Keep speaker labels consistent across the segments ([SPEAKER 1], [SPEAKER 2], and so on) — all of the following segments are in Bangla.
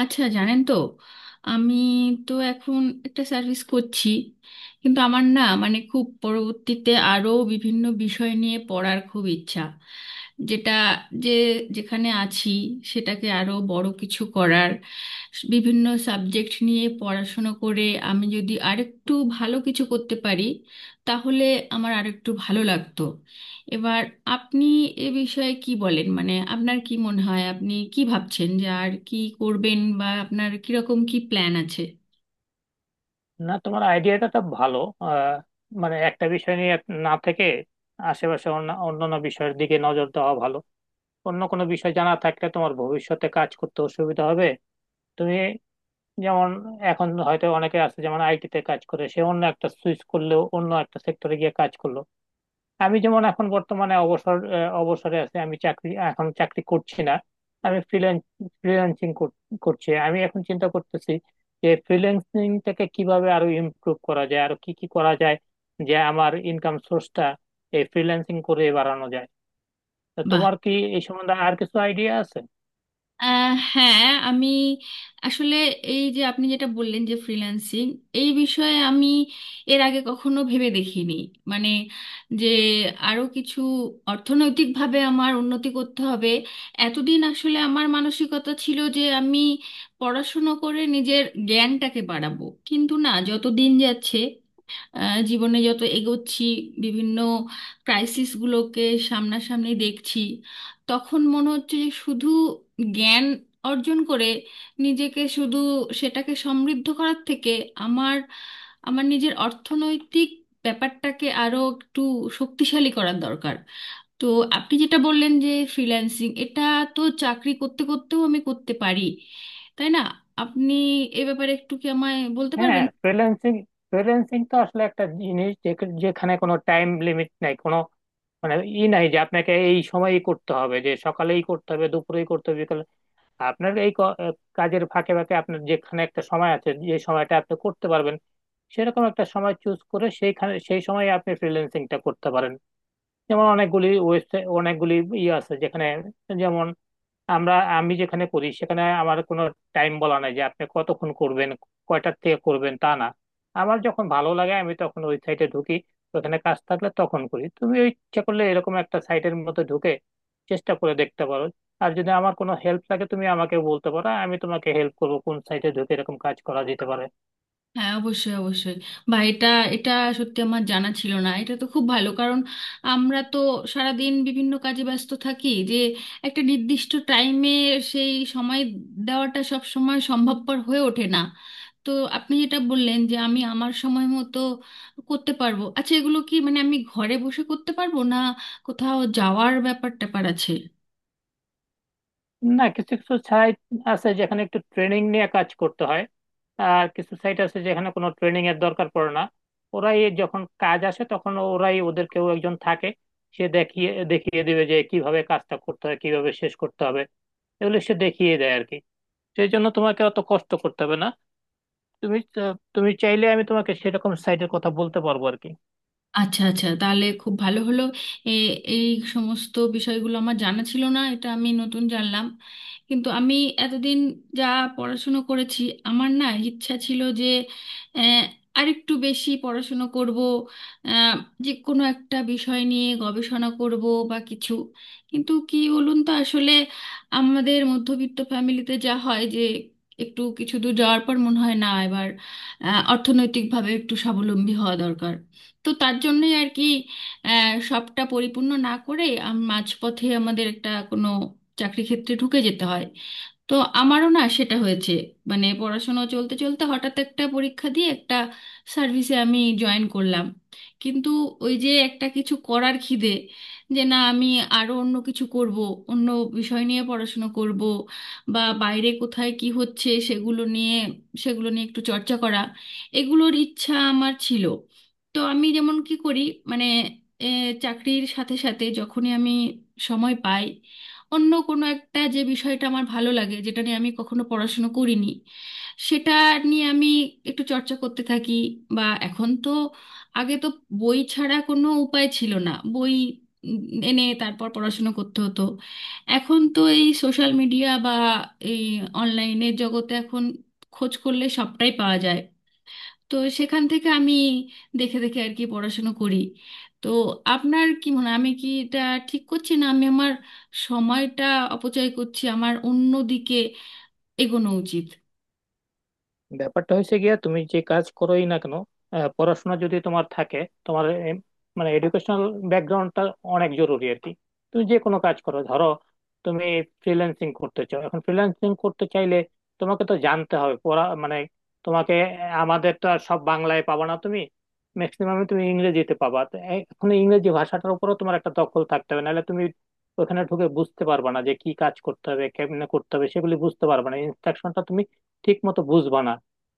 [SPEAKER 1] আচ্ছা, জানেন তো আমি তো এখন একটা সার্ভিস করছি, কিন্তু আমার না মানে খুব পরবর্তীতে আরও বিভিন্ন বিষয় নিয়ে পড়ার খুব ইচ্ছা। যেটা যে যেখানে আছি সেটাকে আরও বড় কিছু করার, বিভিন্ন সাবজেক্ট নিয়ে পড়াশুনো করে আমি যদি আরেকটু ভালো কিছু করতে পারি, তাহলে আমার আরেকটু ভালো লাগতো। এবার আপনি এ বিষয়ে কি বলেন, মানে আপনার কি মনে হয়, আপনি কি ভাবছেন যে আর কি করবেন বা আপনার কিরকম কি প্ল্যান আছে?
[SPEAKER 2] না, তোমার আইডিয়াটা তো ভালো। আহ, মানে একটা বিষয় নিয়ে না থেকে আশেপাশে অন্যান্য বিষয়ের দিকে নজর দেওয়া ভালো। অন্য কোনো বিষয় জানা থাকলে তোমার ভবিষ্যতে কাজ করতে অসুবিধা হবে। তুমি যেমন, এখন হয়তো অনেকে আছে, যেমন আইটি তে কাজ করে, সে অন্য একটা সুইচ করলেও অন্য একটা সেক্টরে গিয়ে কাজ করলো। আমি যেমন এখন বর্তমানে অবসর অবসরে আছি, আমি চাকরি এখন চাকরি করছি না। আমি ফ্রিল্যান্সিং করছি। আমি এখন চিন্তা করতেছি যে ফ্রিল্যান্সিংটাকে কিভাবে আরো ইমপ্রুভ করা যায়, আরো কি কি করা যায়, যে আমার ইনকাম সোর্সটা এই ফ্রিল্যান্সিং করে বাড়ানো যায়। তা
[SPEAKER 1] বাহ।
[SPEAKER 2] তোমার কি এই সম্বন্ধে আর কিছু আইডিয়া আছে?
[SPEAKER 1] হ্যাঁ, আমি আসলে এই যে আপনি যেটা বললেন যে ফ্রিল্যান্সিং, এই বিষয়ে আমি এর আগে কখনো ভেবে দেখিনি। মানে যে আরো কিছু অর্থনৈতিকভাবে আমার উন্নতি করতে হবে। এতদিন আসলে আমার মানসিকতা ছিল যে আমি পড়াশুনো করে নিজের জ্ঞানটাকে বাড়াবো, কিন্তু না, যত দিন যাচ্ছে, জীবনে যত এগোচ্ছি, বিভিন্ন ক্রাইসিসগুলোকে সামনাসামনি দেখছি, তখন মনে হচ্ছে যে শুধু জ্ঞান অর্জন করে নিজেকে শুধু সেটাকে সমৃদ্ধ করার থেকে আমার আমার নিজের অর্থনৈতিক ব্যাপারটাকে আরো একটু শক্তিশালী করার দরকার। তো আপনি যেটা বললেন যে ফ্রিল্যান্সিং, এটা তো চাকরি করতে করতেও আমি করতে পারি, তাই না? আপনি এ ব্যাপারে একটু কি আমায় বলতে
[SPEAKER 2] হ্যাঁ,
[SPEAKER 1] পারবেন?
[SPEAKER 2] ফ্রিল্যান্সিং ফ্রিল্যান্সিং তো আসলে একটা জিনিস যে- যেখানে কোনো টাইম লিমিট নাই, কোনো মানে ই নাই যে আপনাকে এই সময়ই করতে হবে, যে সকালেই করতে হবে দুপুরেই। আপনার এই কাজের ফাঁকে ফাঁকে আপনার যেখানে একটা সময় আছে, যে সময়টা আপনি করতে পারবেন, সেরকম একটা সময় চুজ করে সেইখানে সেই সময় আপনি ফ্রিল্যান্সিংটা করতে পারেন। যেমন অনেকগুলি ওয়েবসাইট, অনেকগুলি ইয়ে আছে যেখানে, যেমন আমি যেখানে করি, সেখানে আমার কোনো টাইম বলা নাই যে আপনি কতক্ষণ করবেন, কয়টার থেকে করবেন, তা না। আমার যখন ভালো লাগে আমি তখন ওই সাইটে ঢুকি, ওখানে কাজ থাকলে তখন করি। তুমি ওই ইচ্ছা করলে এরকম একটা সাইটের মধ্যে ঢুকে চেষ্টা করে দেখতে পারো। আর যদি আমার কোনো হেল্প লাগে, তুমি আমাকে বলতে পারো, আমি তোমাকে হেল্প করবো কোন সাইটে ঢুকে এরকম কাজ করা যেতে পারে।
[SPEAKER 1] হ্যাঁ, অবশ্যই অবশ্যই। বা এটা এটা সত্যি আমার জানা ছিল না। এটা তো খুব ভালো, কারণ আমরা তো সারাদিন বিভিন্ন কাজে ব্যস্ত থাকি যে একটা নির্দিষ্ট টাইমে সেই সময় দেওয়াটা সব সময় সম্ভবপর হয়ে ওঠে না। তো আপনি যেটা বললেন যে আমি আমার সময় মতো করতে পারবো। আচ্ছা, এগুলো কি মানে আমি ঘরে বসে করতে পারবো, না কোথাও যাওয়ার ব্যাপার ট্যাপার আছে?
[SPEAKER 2] না, কিছু কিছু সাইট আছে যেখানে একটু ট্রেনিং নিয়ে কাজ করতে হয়, আর কিছু সাইট আছে যেখানে কোনো ট্রেনিং এর দরকার পড়ে না। ওরাই যখন কাজ আসে তখন ওরাই, ওদের কেউ একজন থাকে, সে দেখিয়ে দেখিয়ে দিবে যে কিভাবে কাজটা করতে হয়, কিভাবে শেষ করতে হবে, এগুলো সে দেখিয়ে দেয় আর কি। সেই জন্য তোমাকে অত কষ্ট করতে হবে না। তুমি তুমি চাইলে আমি তোমাকে সেরকম সাইটের কথা বলতে পারবো আর কি।
[SPEAKER 1] আচ্ছা আচ্ছা, তাহলে খুব ভালো হলো। এ- এই সমস্ত বিষয়গুলো আমার জানা ছিল না, এটা আমি নতুন জানলাম। কিন্তু আমি এতদিন যা পড়াশুনো করেছি, আমার না ইচ্ছা ছিল যে আহ, আরেকটু বেশি পড়াশুনো করব, আহ, যে কোনো একটা বিষয় নিয়ে গবেষণা করব বা কিছু। কিন্তু কি বলুন তো, আসলে আমাদের মধ্যবিত্ত ফ্যামিলিতে যা হয় যে একটু কিছু দূর যাওয়ার পর মনে হয় না এবার অর্থনৈতিকভাবে একটু স্বাবলম্বী হওয়া দরকার। তো তার জন্যই আর কি সবটা পরিপূর্ণ না করে মাঝপথে আমাদের একটা কোনো চাকরি ক্ষেত্রে ঢুকে যেতে হয়। তো আমারও না সেটা হয়েছে। মানে পড়াশোনা চলতে চলতে হঠাৎ একটা পরীক্ষা দিয়ে একটা সার্ভিসে আমি জয়েন করলাম। কিন্তু ওই যে একটা কিছু করার খিদে, যে না আমি আরো অন্য কিছু করব, অন্য বিষয় নিয়ে পড়াশুনো করব, বা বাইরে কোথায় কি হচ্ছে সেগুলো নিয়ে সেগুলো নিয়ে একটু চর্চা করা, এগুলোর ইচ্ছা আমার ছিল। তো আমি যেমন কি করি, মানে এ, চাকরির সাথে সাথে যখনই আমি সময় পাই, অন্য কোনো একটা যে বিষয়টা আমার ভালো লাগে, যেটা নিয়ে আমি কখনো পড়াশুনো করিনি, সেটা নিয়ে আমি একটু চর্চা করতে থাকি। বা এখন তো আগে তো বই ছাড়া কোনো উপায় ছিল না, বই উম, এনে তারপর পড়াশুনো করতে হতো। এখন তো এই সোশ্যাল মিডিয়া বা এই অনলাইনের জগতে এখন খোঁজ করলে সবটাই পাওয়া যায়। তো সেখান থেকে আমি দেখে দেখে আর কি পড়াশুনো করি। তো আপনার কি মনে হয়, আমি কি এটা ঠিক করছি, না আমি আমার সময়টা অপচয় করছি, আমার অন্য দিকে এগোনো উচিত?
[SPEAKER 2] ব্যাপারটা হয়েছে গিয়া, তুমি যে কাজ করোই না কেন, পড়াশোনা যদি তোমার থাকে, তোমার মানে এডুকেশনাল ব্যাকগ্রাউন্ডটা অনেক জরুরি আর কি। তুমি যে কোনো কাজ করো, ধরো তুমি ফ্রিল্যান্সিং করতে চাও, এখন ফ্রিল্যান্সিং করতে চাইলে তোমাকে তো জানতে হবে, পড়া মানে তোমাকে আমাদের তো আর সব বাংলায় পাবা না, তুমি ম্যাক্সিমাম তুমি ইংরেজিতে পাবা, তো এখন ইংরেজি ভাষাটার উপরও তোমার একটা দখল থাকতে হবে, নাহলে তুমি ওখানে ঢুকে বুঝতে পারবা না যে কি কাজ করতে হবে, কেমনে করতে হবে সেগুলি বুঝতে পারবা না, ইনস্ট্রাকশনটা তুমি ঠিক মতো বুঝবা না।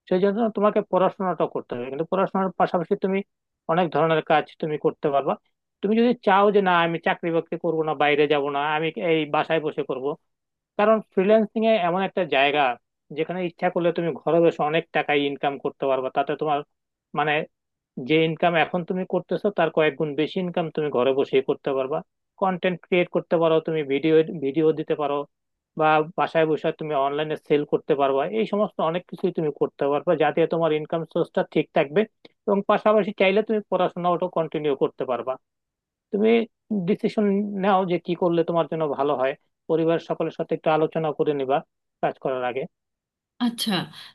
[SPEAKER 2] সেই জন্য তোমাকে পড়াশোনাটা করতে হবে, কিন্তু পড়াশোনার পাশাপাশি তুমি অনেক ধরনের কাজ তুমি করতে পারবা। তুমি যদি চাও যে না আমি চাকরি বাকরি করবো না, বাইরে যাব না, আমি এই বাসায় বসে করব, কারণ ফ্রিল্যান্সিং এ এমন একটা জায়গা যেখানে ইচ্ছা করলে তুমি ঘরে বসে অনেক টাকা ইনকাম করতে পারবা। তাতে তোমার মানে যে ইনকাম এখন তুমি করতেছো, তার কয়েক গুণ বেশি ইনকাম তুমি ঘরে বসেই করতে পারবা। কন্টেন্ট ক্রিয়েট করতে পারো, তুমি ভিডিও ভিডিও দিতে পারো, বা বাসায় বসে তুমি অনলাইনে সেল করতে পারবা, এই সমস্ত অনেক কিছুই তুমি করতে পারবা, যাতে তোমার ইনকাম সোর্সটা ঠিক থাকবে, এবং পাশাপাশি চাইলে তুমি পড়াশোনাটাও কন্টিনিউ করতে পারবা। তুমি ডিসিশন নাও যে কি করলে তোমার জন্য ভালো হয়। পরিবার সকলের সাথে একটু আলোচনা করে নিবা কাজ করার আগে।
[SPEAKER 1] আচ্ছা,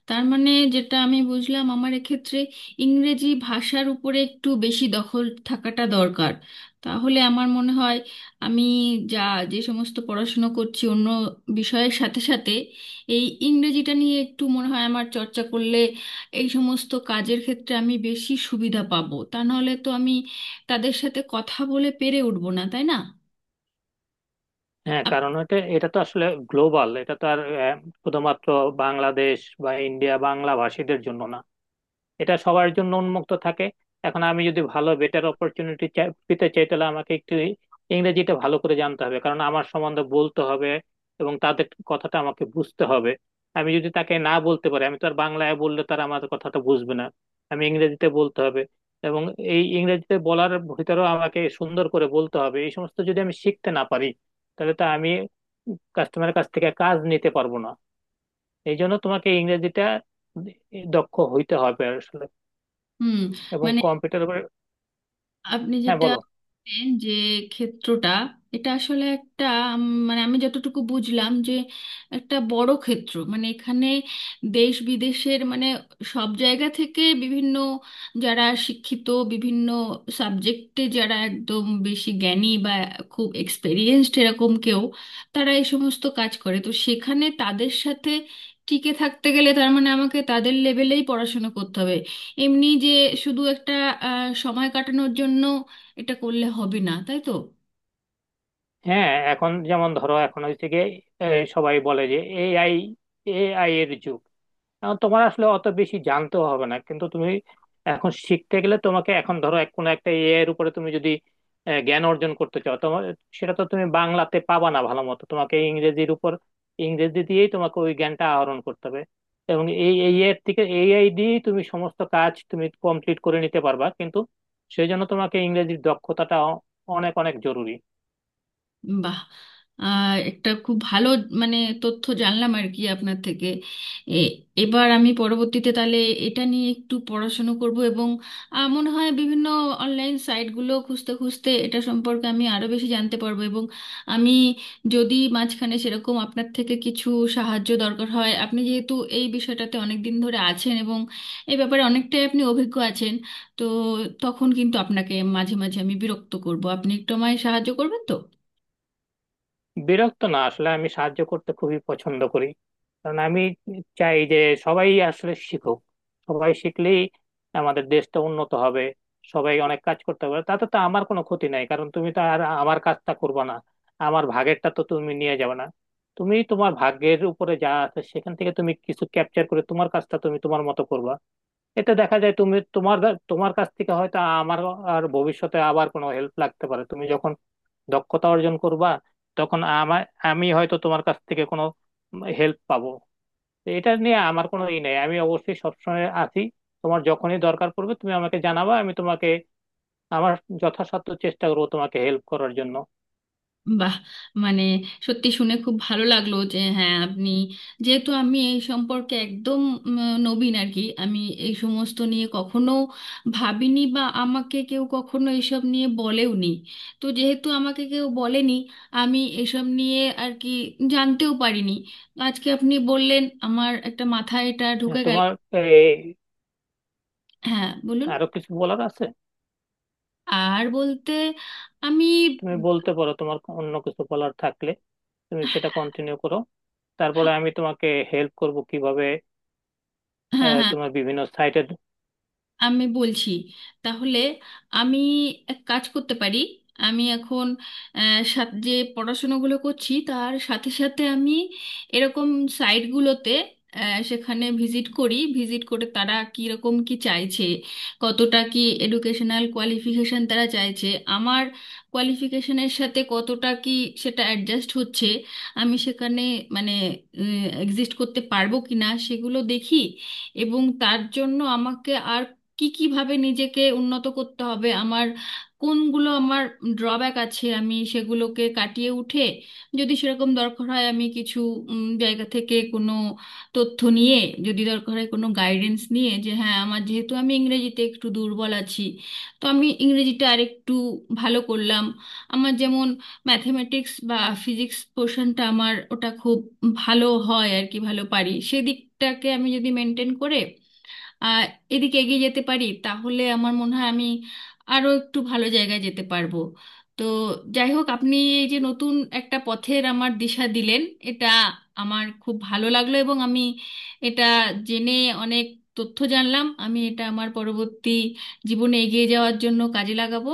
[SPEAKER 1] তার মানে যেটা আমি বুঝলাম, আমার এক্ষেত্রে ইংরেজি ভাষার উপরে একটু বেশি দখল থাকাটা দরকার। তাহলে আমার মনে হয় আমি যা যে সমস্ত পড়াশুনো করছি অন্য বিষয়ের সাথে সাথে এই ইংরেজিটা নিয়ে একটু মনে হয় আমার চর্চা করলে এই সমস্ত কাজের ক্ষেত্রে আমি বেশি সুবিধা পাবো, তা নাহলে তো আমি তাদের সাথে কথা বলে পেরে উঠবো না, তাই না?
[SPEAKER 2] হ্যাঁ, কারণ এটা এটা তো আসলে গ্লোবাল, এটা তো আর শুধুমাত্র বাংলাদেশ বা ইন্ডিয়া বাংলা ভাষীদের জন্য না, এটা সবার জন্য উন্মুক্ত থাকে। এখন আমি যদি ভালো বেটার অপরচুনিটি পেতে চাই, তাহলে আমাকে একটু ইংরেজিটা ভালো করে জানতে হবে, কারণ আমার সম্বন্ধে বলতে হবে এবং তাদের কথাটা আমাকে বুঝতে হবে। আমি যদি তাকে না বলতে পারি, আমি তো আর বাংলায় বললে তারা আমার কথাটা বুঝবে না, আমি ইংরেজিতে বলতে হবে। এবং এই ইংরেজিতে বলার ভিতরেও আমাকে সুন্দর করে বলতে হবে। এই সমস্ত যদি আমি শিখতে না পারি, তাহলে তো আমি কাস্টমারের কাছ থেকে কাজ নিতে পারবো না। এই জন্য তোমাকে ইংরেজিটা দক্ষ হইতে হবে আসলে,
[SPEAKER 1] হুম।
[SPEAKER 2] এবং
[SPEAKER 1] মানে
[SPEAKER 2] কম্পিউটার উপরে।
[SPEAKER 1] আপনি
[SPEAKER 2] হ্যাঁ,
[SPEAKER 1] যেটা
[SPEAKER 2] বলো।
[SPEAKER 1] বললেন যে ক্ষেত্রটা এটা আসলে একটা মানে আমি যতটুকু বুঝলাম যে একটা বড় ক্ষেত্র, মানে এখানে দেশ বিদেশের মানে সব জায়গা থেকে বিভিন্ন যারা শিক্ষিত, বিভিন্ন সাবজেক্টে যারা একদম বেশি জ্ঞানী বা খুব এক্সপেরিয়েন্সড এরকম কেউ, তারা এই সমস্ত কাজ করে। তো সেখানে তাদের সাথে টিকে থাকতে গেলে তার মানে আমাকে তাদের লেভেলেই পড়াশোনা করতে হবে। এমনি যে শুধু একটা সময় কাটানোর জন্য এটা করলে হবে না, তাই তো?
[SPEAKER 2] হ্যাঁ, এখন যেমন ধরো, এখন হচ্ছে গিয়ে এই, সবাই বলে যে এআই এআই এর যুগ। এখন তোমার আসলে অত বেশি জানতেও হবে না, কিন্তু তুমি এখন শিখতে গেলে তোমাকে, এখন ধরো এক কোনো একটা এআই এর উপরে তুমি যদি জ্ঞান অর্জন করতে চাও, তোমার সেটা তো তুমি বাংলাতে পাবা না ভালো মতো, তোমাকে ইংরেজির উপর, ইংরেজি দিয়েই তোমাকে ওই জ্ঞানটা আহরণ করতে হবে। এবং এই এআই এর থেকে, এআই দিয়েই তুমি সমস্ত কাজ তুমি কমপ্লিট করে নিতে পারবা, কিন্তু সেই জন্য তোমাকে ইংরেজির দক্ষতাটা অনেক অনেক জরুরি।
[SPEAKER 1] বাহ, আর একটা খুব ভালো মানে তথ্য জানলাম আর কি আপনার থেকে। এ- এবার আমি পরবর্তীতে তাহলে এটা নিয়ে একটু পড়াশুনো করব এবং মনে হয় বিভিন্ন অনলাইন সাইটগুলো খুঁজতে খুঁজতে এটা সম্পর্কে আমি আরও বেশি জানতে পারবো। এবং আমি যদি মাঝখানে সেরকম আপনার থেকে কিছু সাহায্য দরকার হয়, আপনি যেহেতু এই বিষয়টাতে অনেক দিন ধরে আছেন এবং এই ব্যাপারে অনেকটাই আপনি অভিজ্ঞ আছেন, তো তখন কিন্তু আপনাকে মাঝে মাঝে আমি বিরক্ত করব, আপনি একটু আমায় সাহায্য করবেন তো।
[SPEAKER 2] বিরক্ত না, আসলে আমি সাহায্য করতে খুবই পছন্দ করি। কারণ আমি চাই যে সবাই আসলে শিখুক, সবাই শিখলেই আমাদের দেশটা উন্নত হবে, সবাই অনেক কাজ করতে পারবে। তাতে তো আমার কোনো ক্ষতি নাই, কারণ তুমি তো আর আমার কাজটা করবে না, আমার ভাগেরটা তো তুমি নিয়ে যাবে না। তুমি তোমার ভাগ্যের উপরে যা আছে সেখান থেকে তুমি কিছু ক্যাপচার করে তোমার কাজটা তুমি তোমার মতো করবা। এতে দেখা যায় তুমি তোমার তোমার কাছ থেকে হয়তো আমার, আর ভবিষ্যতে আবার কোনো হেল্প লাগতে পারে, তুমি যখন দক্ষতা অর্জন করবা, তখন আমি হয়তো তোমার কাছ থেকে কোনো হেল্প পাবো। তো এটা নিয়ে আমার কোনো ই নেই, আমি অবশ্যই সবসময় আছি। তোমার যখনই দরকার পড়বে তুমি আমাকে জানাবা, আমি তোমাকে, আমার যথাসাধ্য চেষ্টা করবো তোমাকে হেল্প করার জন্য।
[SPEAKER 1] বাহ, মানে সত্যি শুনে খুব ভালো লাগলো যে হ্যাঁ আপনি, যেহেতু আমি এই সম্পর্কে একদম উম, নবীন আর কি, আমি এই সমস্ত নিয়ে কখনো ভাবিনি বা আমাকে কেউ কখনো এসব নিয়ে বলেওনি। তো যেহেতু আমাকে কেউ বলেনি, আমি এসব নিয়ে আর কি জানতেও পারিনি। আজকে আপনি বললেন, আমার একটা মাথায় এটা
[SPEAKER 2] হ্যাঁ,
[SPEAKER 1] ঢুকে গেল।
[SPEAKER 2] তোমার এই
[SPEAKER 1] হ্যাঁ, বলুন।
[SPEAKER 2] আরো কিছু বলার আছে?
[SPEAKER 1] আর বলতে আমি,
[SPEAKER 2] তুমি বলতে পারো, তোমার অন্য কিছু বলার থাকলে তুমি সেটা
[SPEAKER 1] হ্যাঁ
[SPEAKER 2] কন্টিনিউ করো, তারপরে আমি তোমাকে হেল্প করব কিভাবে
[SPEAKER 1] হ্যাঁ হ্যাঁ।
[SPEAKER 2] তোমার বিভিন্ন সাইটের
[SPEAKER 1] আমি বলছি তাহলে, আমি এক কাজ করতে পারি। আমি এখন যে পড়াশোনাগুলো করছি তার সাথে সাথে আমি এরকম সাইটগুলোতে, সেখানে ভিজিট করি, ভিজিট করে তারা কীরকম কি চাইছে, কতটা কি এডুকেশনাল কোয়ালিফিকেশন তারা চাইছে, আমার কোয়ালিফিকেশনের সাথে কতটা কি সেটা অ্যাডজাস্ট হচ্ছে, আমি সেখানে মানে এক্সিস্ট করতে পারবো কিনা সেগুলো দেখি। এবং তার জন্য আমাকে আর কি কিভাবে নিজেকে উন্নত করতে হবে, আমার কোনগুলো আমার ড্রব্যাক আছে, আমি সেগুলোকে কাটিয়ে উঠে, যদি সেরকম দরকার হয় আমি কিছু জায়গা থেকে কোনো তথ্য নিয়ে, যদি দরকার হয় কোনো গাইডেন্স নিয়ে, যে হ্যাঁ, আমার যেহেতু আমি ইংরেজিতে একটু দুর্বল আছি, তো আমি ইংরেজিটা আরেকটু ভালো করলাম, আমার যেমন ম্যাথমেটিক্স বা ফিজিক্স পোর্শনটা আমার ওটা খুব ভালো হয় আর কি, ভালো পারি, সেদিকটাকে আমি যদি মেনটেন করে আহ এদিকে এগিয়ে যেতে পারি, তাহলে আমার মনে হয় আমি আরো একটু ভালো জায়গায় যেতে পারবো। তো যাই হোক, আপনি এই যে নতুন একটা পথের আমার দিশা দিলেন, এটা আমার খুব ভালো লাগলো, এবং আমি এটা জেনে অনেক তথ্য জানলাম। আমি এটা আমার পরবর্তী জীবনে এগিয়ে যাওয়ার জন্য কাজে লাগাবো।